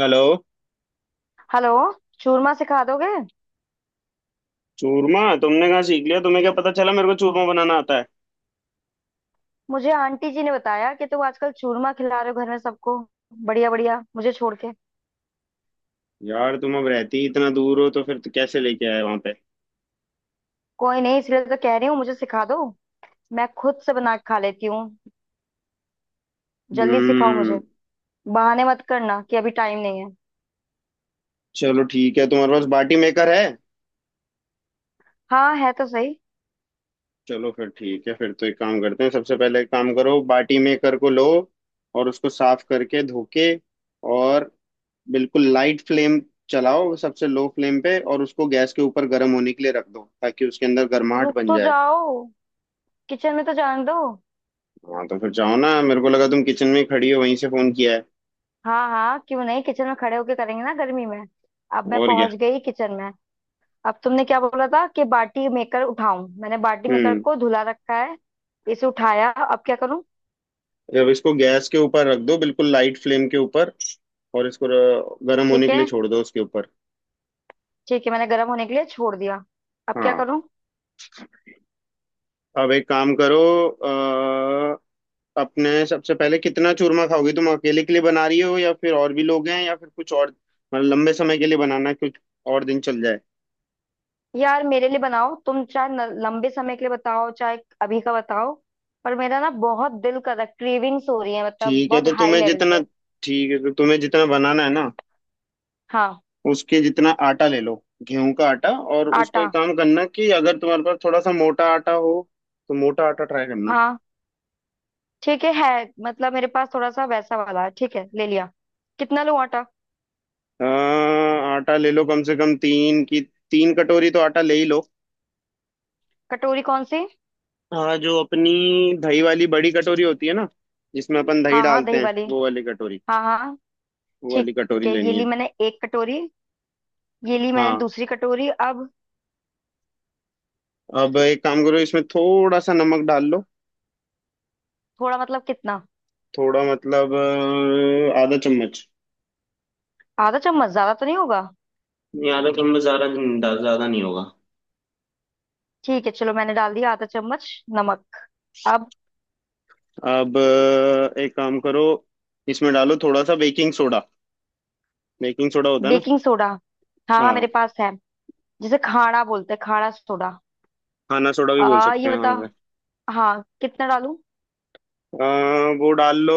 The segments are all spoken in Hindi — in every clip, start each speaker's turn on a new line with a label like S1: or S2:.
S1: हेलो।
S2: हेलो। चूरमा सिखा दोगे?
S1: चूरमा तुमने कहाँ सीख लिया? तुम्हें क्या पता चला मेरे को चूरमा बनाना आता है?
S2: मुझे आंटी जी ने बताया कि तुम आजकल चूरमा खिला रहे हो घर में सबको। बढ़िया बढ़िया, मुझे छोड़ के।
S1: यार तुम अब रहती ही इतना दूर हो, तो फिर तो कैसे लेके आए वहां पे?
S2: कोई नहीं, इसलिए तो कह रही हूँ, मुझे सिखा दो। मैं खुद से बना के खा लेती हूँ। जल्दी सिखाओ मुझे।
S1: हम्म।
S2: बहाने मत करना कि अभी टाइम नहीं है।
S1: चलो ठीक है, तुम्हारे पास बाटी मेकर है?
S2: हाँ है तो सही।
S1: चलो फिर ठीक है, फिर तो एक काम करते हैं। सबसे पहले एक काम करो, बाटी मेकर को लो और उसको साफ करके धो के, और बिल्कुल लाइट फ्लेम चलाओ, सबसे लो फ्लेम पे, और उसको गैस के ऊपर गर्म होने के लिए रख दो ताकि उसके अंदर गर्माहट
S2: रुक
S1: बन
S2: तो
S1: जाए।
S2: जाओ, किचन में तो जाने दो।
S1: हाँ तो फिर जाओ ना, मेरे को लगा तुम किचन में ही खड़ी हो वहीं से फोन किया है।
S2: हाँ हाँ, क्यों नहीं, किचन में खड़े होके करेंगे ना गर्मी में। अब मैं
S1: और क्या।
S2: पहुंच गई किचन में। अब तुमने क्या बोला था कि बाटी मेकर उठाऊं? मैंने बाटी मेकर
S1: हम्म।
S2: को धुला रखा है। इसे उठाया, अब क्या करूं?
S1: अब इसको गैस के ऊपर रख दो बिल्कुल लाइट फ्लेम के ऊपर, और इसको गर्म होने
S2: ठीक
S1: के लिए
S2: है।
S1: छोड़ दो उसके ऊपर।
S2: ठीक है मैंने गर्म होने के लिए छोड़ दिया। अब क्या
S1: हाँ,
S2: करूं?
S1: अब एक काम करो। अ, अपने सबसे पहले कितना चूरमा खाओगी, तुम अकेले के लिए बना रही हो या फिर और भी लोग हैं या फिर कुछ और? मतलब लंबे समय के लिए बनाना है कुछ, और दिन चल जाए।
S2: यार, मेरे लिए बनाओ, तुम चाहे न- लंबे समय के लिए बताओ, चाहे अभी का बताओ। पर मेरा ना बहुत दिल कर रहा, क्रेविंग्स हो रही है, मतलब
S1: ठीक है
S2: बहुत
S1: तो
S2: हाई
S1: तुम्हें
S2: लेवल
S1: जितना,
S2: पे।
S1: ठीक है तो तुम्हें जितना बनाना है ना,
S2: हाँ।
S1: उसके जितना आटा ले लो, गेहूं का आटा। और उसको
S2: आटा।
S1: एक काम करना कि अगर तुम्हारे पास थोड़ा सा मोटा आटा हो तो मोटा आटा ट्राई करना।
S2: हाँ ठीक है, मतलब मेरे पास थोड़ा सा वैसा वाला है। ठीक है, ले लिया। कितना लूं आटा?
S1: हाँ, आटा ले लो कम से कम तीन की, 3 कटोरी तो आटा ले ही लो।
S2: कटोरी कौन सी?
S1: हाँ, जो अपनी दही वाली बड़ी कटोरी होती है ना, जिसमें अपन दही
S2: हाँ हाँ,
S1: डालते
S2: दही
S1: हैं
S2: वाली।
S1: वो वाली कटोरी,
S2: हाँ हाँ।
S1: वो
S2: ठीक
S1: वाली कटोरी
S2: है, ये
S1: लेनी
S2: ली
S1: है।
S2: मैंने एक कटोरी। ये ली मैंने
S1: हाँ,
S2: दूसरी कटोरी। अब?
S1: अब एक काम करो, इसमें थोड़ा सा नमक डाल लो।
S2: थोड़ा मतलब कितना?
S1: थोड़ा मतलब आधा चम्मच।
S2: आधा चम्मच ज्यादा तो नहीं होगा?
S1: नहीं, आधा चम्मच ज्यादा नहीं होगा।
S2: ठीक है चलो, मैंने डाल दिया आधा चम्मच नमक। अब?
S1: अब एक काम करो, इसमें डालो थोड़ा सा बेकिंग सोडा। बेकिंग सोडा होता है ना?
S2: Baking soda. हाँ हाँ
S1: हाँ,
S2: मेरे पास है। जिसे खाड़ा बोलते हैं, खाड़ा सोडा।
S1: खाना सोडा भी बोल
S2: आ
S1: सकते
S2: ये
S1: हैं हाँ
S2: बता,
S1: उसे।
S2: हाँ कितना डालूं?
S1: अ, वो डाल लो,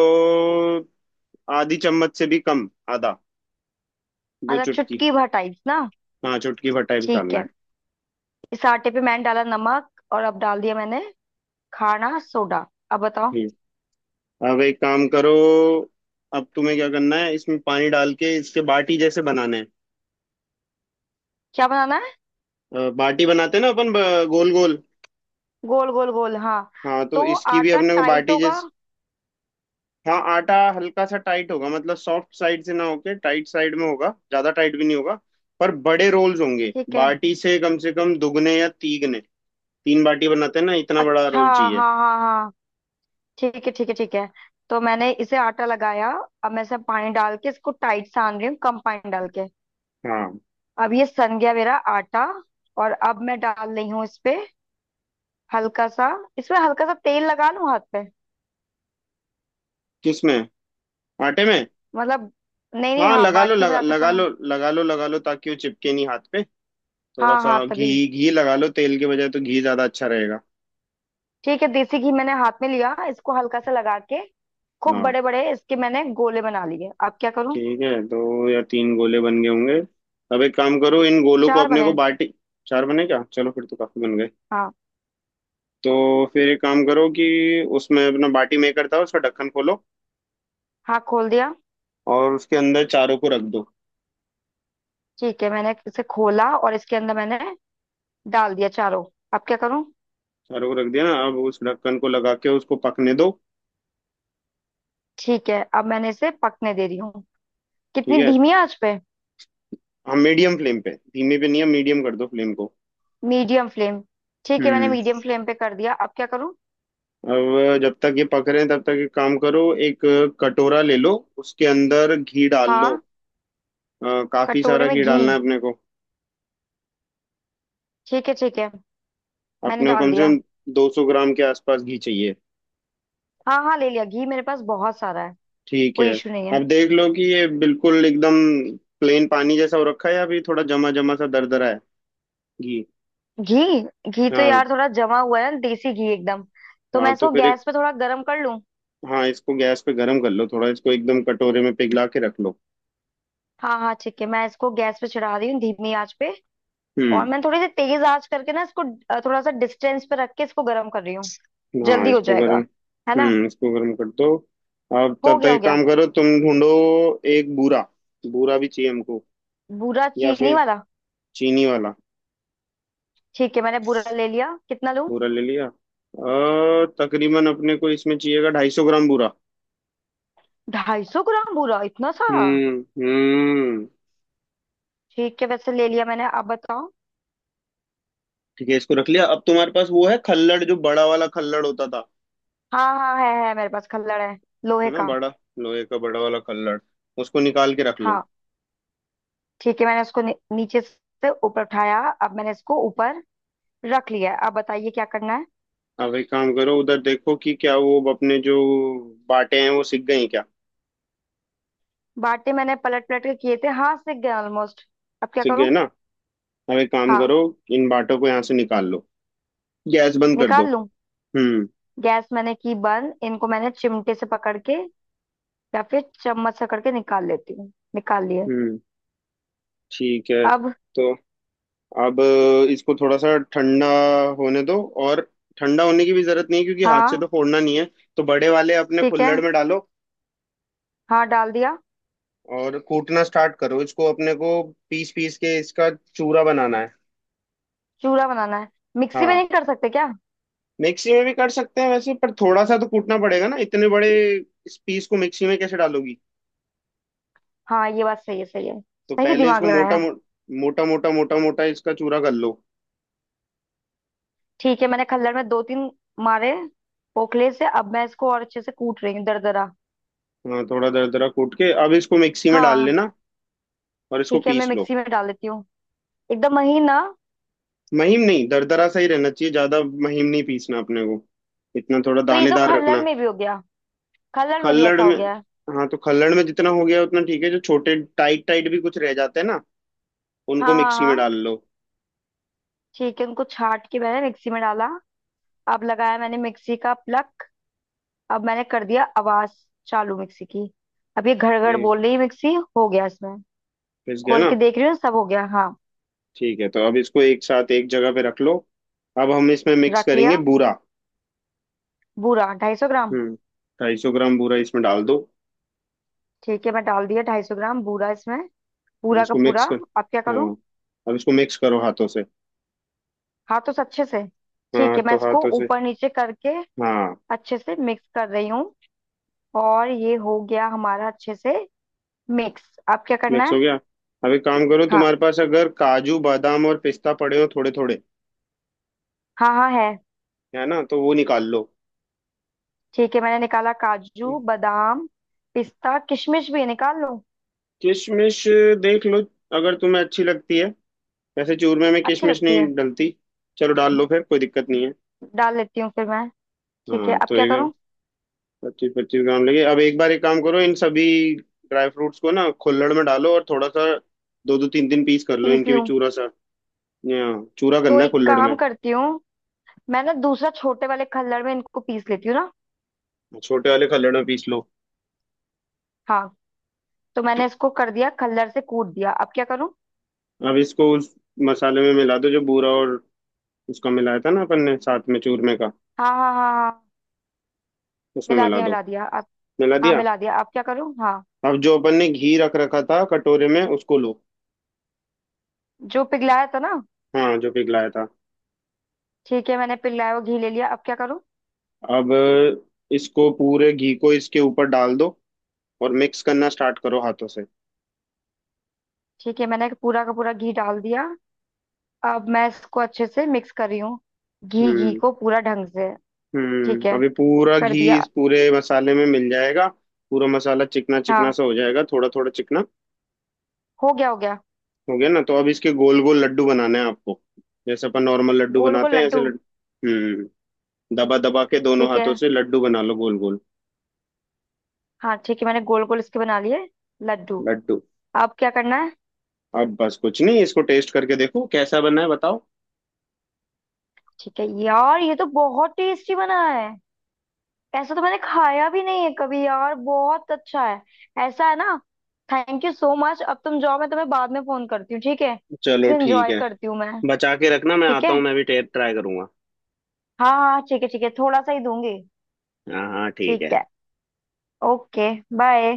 S1: आधी चम्मच से भी कम, आधा। दो
S2: मतलब
S1: चुटकी,
S2: चुटकी भर टाइप ना?
S1: हाँ चुटकी भर टाइप
S2: ठीक
S1: डालना
S2: है।
S1: है।
S2: इस आटे पे मैंने डाला नमक, और अब डाल दिया मैंने खाड़ा सोडा। अब बताओ।
S1: हम्म। अब एक काम करो। अब तुम्हें क्या करना है, इसमें पानी डाल के इसके बाटी जैसे बनाना है।
S2: क्या बनाना है?
S1: बाटी बनाते हैं ना अपन, गोल गोल।
S2: गोल गोल गोल, हाँ।
S1: हाँ तो
S2: तो
S1: इसकी भी
S2: आटा
S1: अपने को
S2: टाइट
S1: बाटी
S2: होगा?
S1: जैसे। हाँ आटा हल्का सा टाइट होगा, मतलब सॉफ्ट साइड से ना होके टाइट साइड में होगा, ज्यादा टाइट भी नहीं होगा। पर बड़े रोल्स होंगे
S2: ठीक है।
S1: बाटी से, कम से कम दुगने या तीगने। 3 बाटी बनाते हैं ना, इतना बड़ा
S2: अच्छा।
S1: रोल
S2: हाँ
S1: चाहिए।
S2: हाँ हाँ, ठीक है ठीक है ठीक है। तो मैंने इसे आटा लगाया। अब मैं इसमें पानी डाल के इसको टाइट सान रही हूँ, कम पानी डाल के।
S1: हाँ।
S2: अब ये सन गया मेरा आटा। और अब मैं डाल रही हूँ इस पे हल्का सा। इसमें हल्का सा तेल लगा लूं हाथ पे?
S1: किसमें? आटे में?
S2: मतलब, नहीं नहीं,
S1: हाँ,
S2: हाँ
S1: लगा लो,
S2: बाटी
S1: लगा,
S2: बनाते
S1: लगा
S2: समय।
S1: लो, लगा लो, लगा लो, ताकि वो चिपके नहीं हाथ पे। थोड़ा
S2: हाँ हाँ
S1: सा
S2: तभी।
S1: घी। घी लगा लो, तेल के बजाय तो घी ज्यादा अच्छा रहेगा।
S2: ठीक है, देसी घी मैंने हाथ में लिया, इसको हल्का सा लगा के खूब
S1: हाँ
S2: बड़े बड़े इसके मैंने गोले बना लिए। अब क्या करूं?
S1: ठीक है, दो या तीन गोले बन गए होंगे। अब एक काम करो, इन गोलों को
S2: चार
S1: अपने को
S2: बने।
S1: बाटी। चार बने क्या, चलो फिर तो काफी बन गए।
S2: हाँ।
S1: तो फिर एक काम करो कि उसमें अपना बाटी मेकर था उसका ढक्कन खोलो,
S2: हाँ खोल दिया।
S1: और उसके अंदर चारों को रख दो।
S2: ठीक है मैंने इसे खोला, और इसके अंदर मैंने डाल दिया चारों। अब क्या करूं?
S1: चारों को रख दिया ना, अब उस ढक्कन को लगा के उसको पकने दो।
S2: ठीक है, अब मैंने इसे पकने दे रही हूँ। कितनी
S1: ठीक है,
S2: धीमी आंच पे?
S1: हाँ मीडियम फ्लेम पे, धीमे पे नहीं है, मीडियम कर दो फ्लेम को।
S2: Medium flame. ठीक है, मैंने
S1: हम्म।
S2: मीडियम फ्लेम पे कर दिया। अब क्या करूँ?
S1: अब जब तक ये पक रहे हैं तब तक एक काम करो, एक कटोरा ले लो, उसके अंदर घी डाल लो।
S2: हाँ।
S1: काफी
S2: कटोरे
S1: सारा
S2: में
S1: घी
S2: घी।
S1: डालना है अपने को।
S2: ठीक है ठीक है, मैंने
S1: अपने को
S2: डाल
S1: कम से
S2: दिया।
S1: कम 200 ग्राम के आसपास घी चाहिए।
S2: हाँ हाँ, ले लिया घी, मेरे पास बहुत सारा है।
S1: ठीक है।
S2: कोई इशू नहीं है।
S1: अब देख लो कि ये बिल्कुल एकदम प्लेन पानी जैसा हो रखा है या अभी थोड़ा जमा जमा सा दरदरा है। घी।
S2: घी? घी तो
S1: हाँ,
S2: यार थोड़ा जमा हुआ है ना, देसी घी एकदम। तो मैं
S1: हाँ तो
S2: इसको
S1: फिर एक,
S2: गैस पे थोड़ा गर्म कर लूँ?
S1: हाँ इसको गैस पे गर्म कर लो थोड़ा, इसको एकदम कटोरे में पिघला के रख लो।
S2: हाँ हाँ ठीक है, मैं इसको गैस पे चढ़ा रही हूँ धीमी आंच पे। और
S1: हम्म।
S2: मैं थोड़ी सी तेज आंच करके ना इसको थोड़ा सा डिस्टेंस पे रख के इसको गर्म कर रही हूँ,
S1: हाँ
S2: जल्दी हो
S1: इसको गर्म।
S2: जाएगा, है ना?
S1: हम्म, इसको गर्म कर दो। अब
S2: हो
S1: तब तक
S2: गया हो
S1: एक
S2: गया।
S1: काम करो, तुम ढूंढो एक बूरा। बूरा भी चाहिए हमको,
S2: बुरा
S1: या
S2: चीनी
S1: फिर
S2: वाला?
S1: चीनी वाला।
S2: ठीक है मैंने बुरा ले लिया। कितना लूं?
S1: बूरा ले लिया, तकरीबन अपने को इसमें चाहिएगा 250 ग्राम बूरा।
S2: 250 ग्राम बुरा? इतना सारा?
S1: हम्म।
S2: ठीक है, वैसे ले लिया मैंने। अब बताओ।
S1: ठीक है, इसको रख लिया। अब तुम्हारे पास वो है खल्लड़, जो बड़ा वाला खल्लड़ होता था,
S2: हाँ हाँ है, मेरे पास खल्लड़ है,
S1: है
S2: लोहे
S1: ना
S2: का।
S1: बड़ा? लोहे का बड़ा वाला खल्लड़, उसको निकाल के रख लो।
S2: हाँ। ठीक है, मैंने उसको नीचे से ऊपर उठाया, अब मैंने इसको ऊपर रख लिया है। अब बताइए क्या करना है।
S1: अब एक काम करो, उधर देखो कि क्या वो अपने जो बाटे हैं वो सिक गए हैं क्या?
S2: बाटे मैंने पलट पलट के किए थे, हाँ सिक गए ऑलमोस्ट। अब क्या
S1: सिक
S2: करूं?
S1: गए ना, अब एक काम
S2: हाँ।
S1: करो, इन बाटों को यहाँ से निकाल लो, गैस बंद कर दो।
S2: निकाल लूं?
S1: हम्म
S2: गैस मैंने की बंद, इनको मैंने चिमटे से पकड़ के या फिर चम्मच से करके निकाल लेती हूँ। निकाल लिए।
S1: हम्म। ठीक है
S2: अब?
S1: तो अब इसको थोड़ा सा ठंडा होने दो, और ठंडा होने की भी जरूरत नहीं है क्योंकि हाथ से
S2: हाँ
S1: तो फोड़ना नहीं है। तो बड़े वाले अपने
S2: ठीक है।
S1: कुल्हड़ में डालो,
S2: हाँ डाल दिया।
S1: और कूटना स्टार्ट करो इसको, अपने को पीस पीस के इसका चूरा बनाना है।
S2: चूड़ा बनाना है? मिक्सी में नहीं
S1: हाँ,
S2: कर सकते क्या?
S1: मिक्सी में भी कर सकते हैं वैसे, पर थोड़ा सा तो कूटना पड़ेगा ना, इतने बड़े इस पीस को मिक्सी में कैसे डालोगी।
S2: हाँ ये बात सही है, सही है।
S1: तो
S2: सही
S1: पहले
S2: दिमाग
S1: इसको
S2: लगाया।
S1: मोटा मोटा मोटा मोटा इसका चूरा कर लो।
S2: ठीक है, मैंने खल्लड़ में दो तीन मारे पोखले से, अब मैं इसको और अच्छे से कूट रही हूँ दरदरा।
S1: हाँ, थोड़ा दरदरा कूट के अब इसको मिक्सी में डाल
S2: हाँ
S1: लेना और इसको
S2: ठीक है, मैं
S1: पीस लो।
S2: मिक्सी में डाल देती हूँ। एकदम महीना।
S1: महीन नहीं, दरदरा सा ही रहना चाहिए, ज्यादा महीन नहीं पीसना अपने को, इतना थोड़ा
S2: तो ये तो
S1: दानेदार
S2: खल्लड़
S1: रखना।
S2: में भी हो गया। खल्लड़ में भी
S1: खल्लड़
S2: ऐसा हो
S1: में?
S2: गया है।
S1: हाँ तो खल्लड़ में जितना हो गया उतना ठीक है, जो छोटे टाइट टाइट भी कुछ रह जाते हैं ना, उनको
S2: हाँ हाँ
S1: मिक्सी में
S2: हाँ।
S1: डाल लो।
S2: ठीक है, उनको छाट के मैंने मिक्सी में डाला। अब लगाया मैंने मिक्सी का प्लग। अब मैंने कर दिया आवाज चालू मिक्सी की। अब ये घड़ घड़
S1: ये
S2: बोल रही है मिक्सी, हो गया इसमें।
S1: पिस गया
S2: खोल
S1: ना?
S2: के देख रही हूँ, सब हो गया हाँ।
S1: ठीक है तो अब इसको एक साथ एक जगह पे रख लो, अब हम इसमें मिक्स
S2: रख
S1: करेंगे
S2: लिया।
S1: बूरा।
S2: बूरा 250 ग्राम।
S1: हम्म। 250 ग्राम बूरा इसमें डाल दो,
S2: ठीक है, मैं डाल दिया 250 ग्राम बूरा इसमें,
S1: अब
S2: पूरा का
S1: इसको
S2: पूरा।
S1: मिक्स कर।
S2: अब क्या करूँ?
S1: हाँ अब इसको मिक्स करो हाथों से।
S2: हाथों से अच्छे से? ठीक
S1: हाँ
S2: है, मैं
S1: तो
S2: इसको
S1: हाथों से।
S2: ऊपर नीचे करके
S1: हाँ,
S2: अच्छे से मिक्स कर रही हूँ। और ये हो गया हमारा अच्छे से मिक्स। अब क्या करना
S1: मिक्स हो
S2: है?
S1: गया। अब एक काम करो,
S2: हाँ
S1: तुम्हारे पास अगर काजू बादाम और पिस्ता पड़े हो थोड़े थोड़े,
S2: हाँ, हाँ है।
S1: है ना, तो वो निकाल लो।
S2: ठीक है मैंने निकाला काजू बादाम। पिस्ता किशमिश भी है, निकाल लो?
S1: किशमिश? देख लो, अगर तुम्हें अच्छी लगती है, वैसे चूरमे में
S2: अच्छी
S1: किशमिश
S2: लगती
S1: नहीं
S2: है।
S1: डलती। चलो डाल लो फिर, कोई दिक्कत नहीं है।
S2: डाल लेती हूँ फिर मैं। ठीक है,
S1: हाँ
S2: अब
S1: तो
S2: क्या
S1: एक,
S2: करूँ?
S1: 25 25 ग्राम लगे। अब एक बार एक काम करो, इन सभी ड्राई फ्रूट्स को ना खुल्लड़ में डालो, और थोड़ा सा दो दो तीन तीन पीस कर लो,
S2: पीस
S1: इनके भी
S2: लूँ?
S1: चूरा सा, चूरा
S2: तो
S1: करना है
S2: एक
S1: खुल्लड़
S2: काम
S1: में।
S2: करती हूँ, मैं ना दूसरा छोटे वाले खल्लड़ में इनको पीस लेती हूँ ना।
S1: छोटे वाले खल्लड़ में पीस लो।
S2: हाँ। तो मैंने इसको कर दिया, कलर से कूट दिया। अब क्या करूँ?
S1: अब इसको उस मसाले में मिला दो, जो बूरा और उसका मिलाया था ना अपन ने साथ में चूरमे का,
S2: हाँ हाँ हाँ हाँ।
S1: उसमें
S2: मिला
S1: मिला
S2: दिया
S1: दो।
S2: मिला दिया। अब?
S1: मिला
S2: हाँ
S1: दिया?
S2: मिला दिया। अब क्या करूँ? हाँ
S1: अब जो अपन ने घी रख रखा था कटोरे में उसको लो।
S2: जो पिघलाया था ना।
S1: हाँ जो पिघलाया था।
S2: ठीक है, मैंने पिघलाया हुआ घी ले लिया। अब क्या करूँ?
S1: अब इसको पूरे घी को इसके ऊपर डाल दो, और मिक्स करना स्टार्ट करो हाथों से।
S2: ठीक है, मैंने पूरा का पूरा घी डाल दिया। अब मैं इसको अच्छे से मिक्स कर रही हूँ, घी घी
S1: हम्म
S2: को पूरा ढंग से। ठीक
S1: हम्म।
S2: है,
S1: अभी पूरा
S2: कर
S1: घी
S2: दिया।
S1: इस पूरे मसाले में मिल जाएगा, पूरा मसाला चिकना चिकना
S2: हाँ
S1: सा हो जाएगा, थोड़ा थोड़ा चिकना।
S2: हो गया हो गया।
S1: हो गया ना? तो अब इसके गोल गोल लड्डू बनाने हैं आपको, जैसे अपन नॉर्मल लड्डू
S2: गोल गोल
S1: बनाते हैं, ऐसे
S2: लड्डू।
S1: लड्डू। हम्म। दबा दबा के दोनों
S2: ठीक है।
S1: हाथों से लड्डू बना लो गोल गोल।
S2: हाँ ठीक है, मैंने गोल गोल इसके बना लिए लड्डू।
S1: लड्डू।
S2: अब क्या करना है?
S1: अब बस कुछ नहीं, इसको टेस्ट करके देखो कैसा बना है, बताओ।
S2: ठीक है यार, ये तो बहुत टेस्टी बना है। ऐसा तो मैंने खाया भी नहीं है कभी, यार बहुत अच्छा है। ऐसा है ना। Thank you so much. अब तुम जाओ, मैं तुम्हें बाद में फोन करती हूँ, ठीक है?
S1: चलो
S2: इसे
S1: ठीक
S2: एंजॉय
S1: है,
S2: करती हूँ मैं।
S1: बचा के रखना, मैं
S2: ठीक
S1: आता हूँ
S2: है।
S1: मैं भी टेस्ट ट्राई करूंगा।
S2: हाँ हाँ ठीक है, ठीक है, थोड़ा सा ही दूंगी।
S1: हाँ हाँ ठीक है।
S2: ठीक है। ओके। बाय।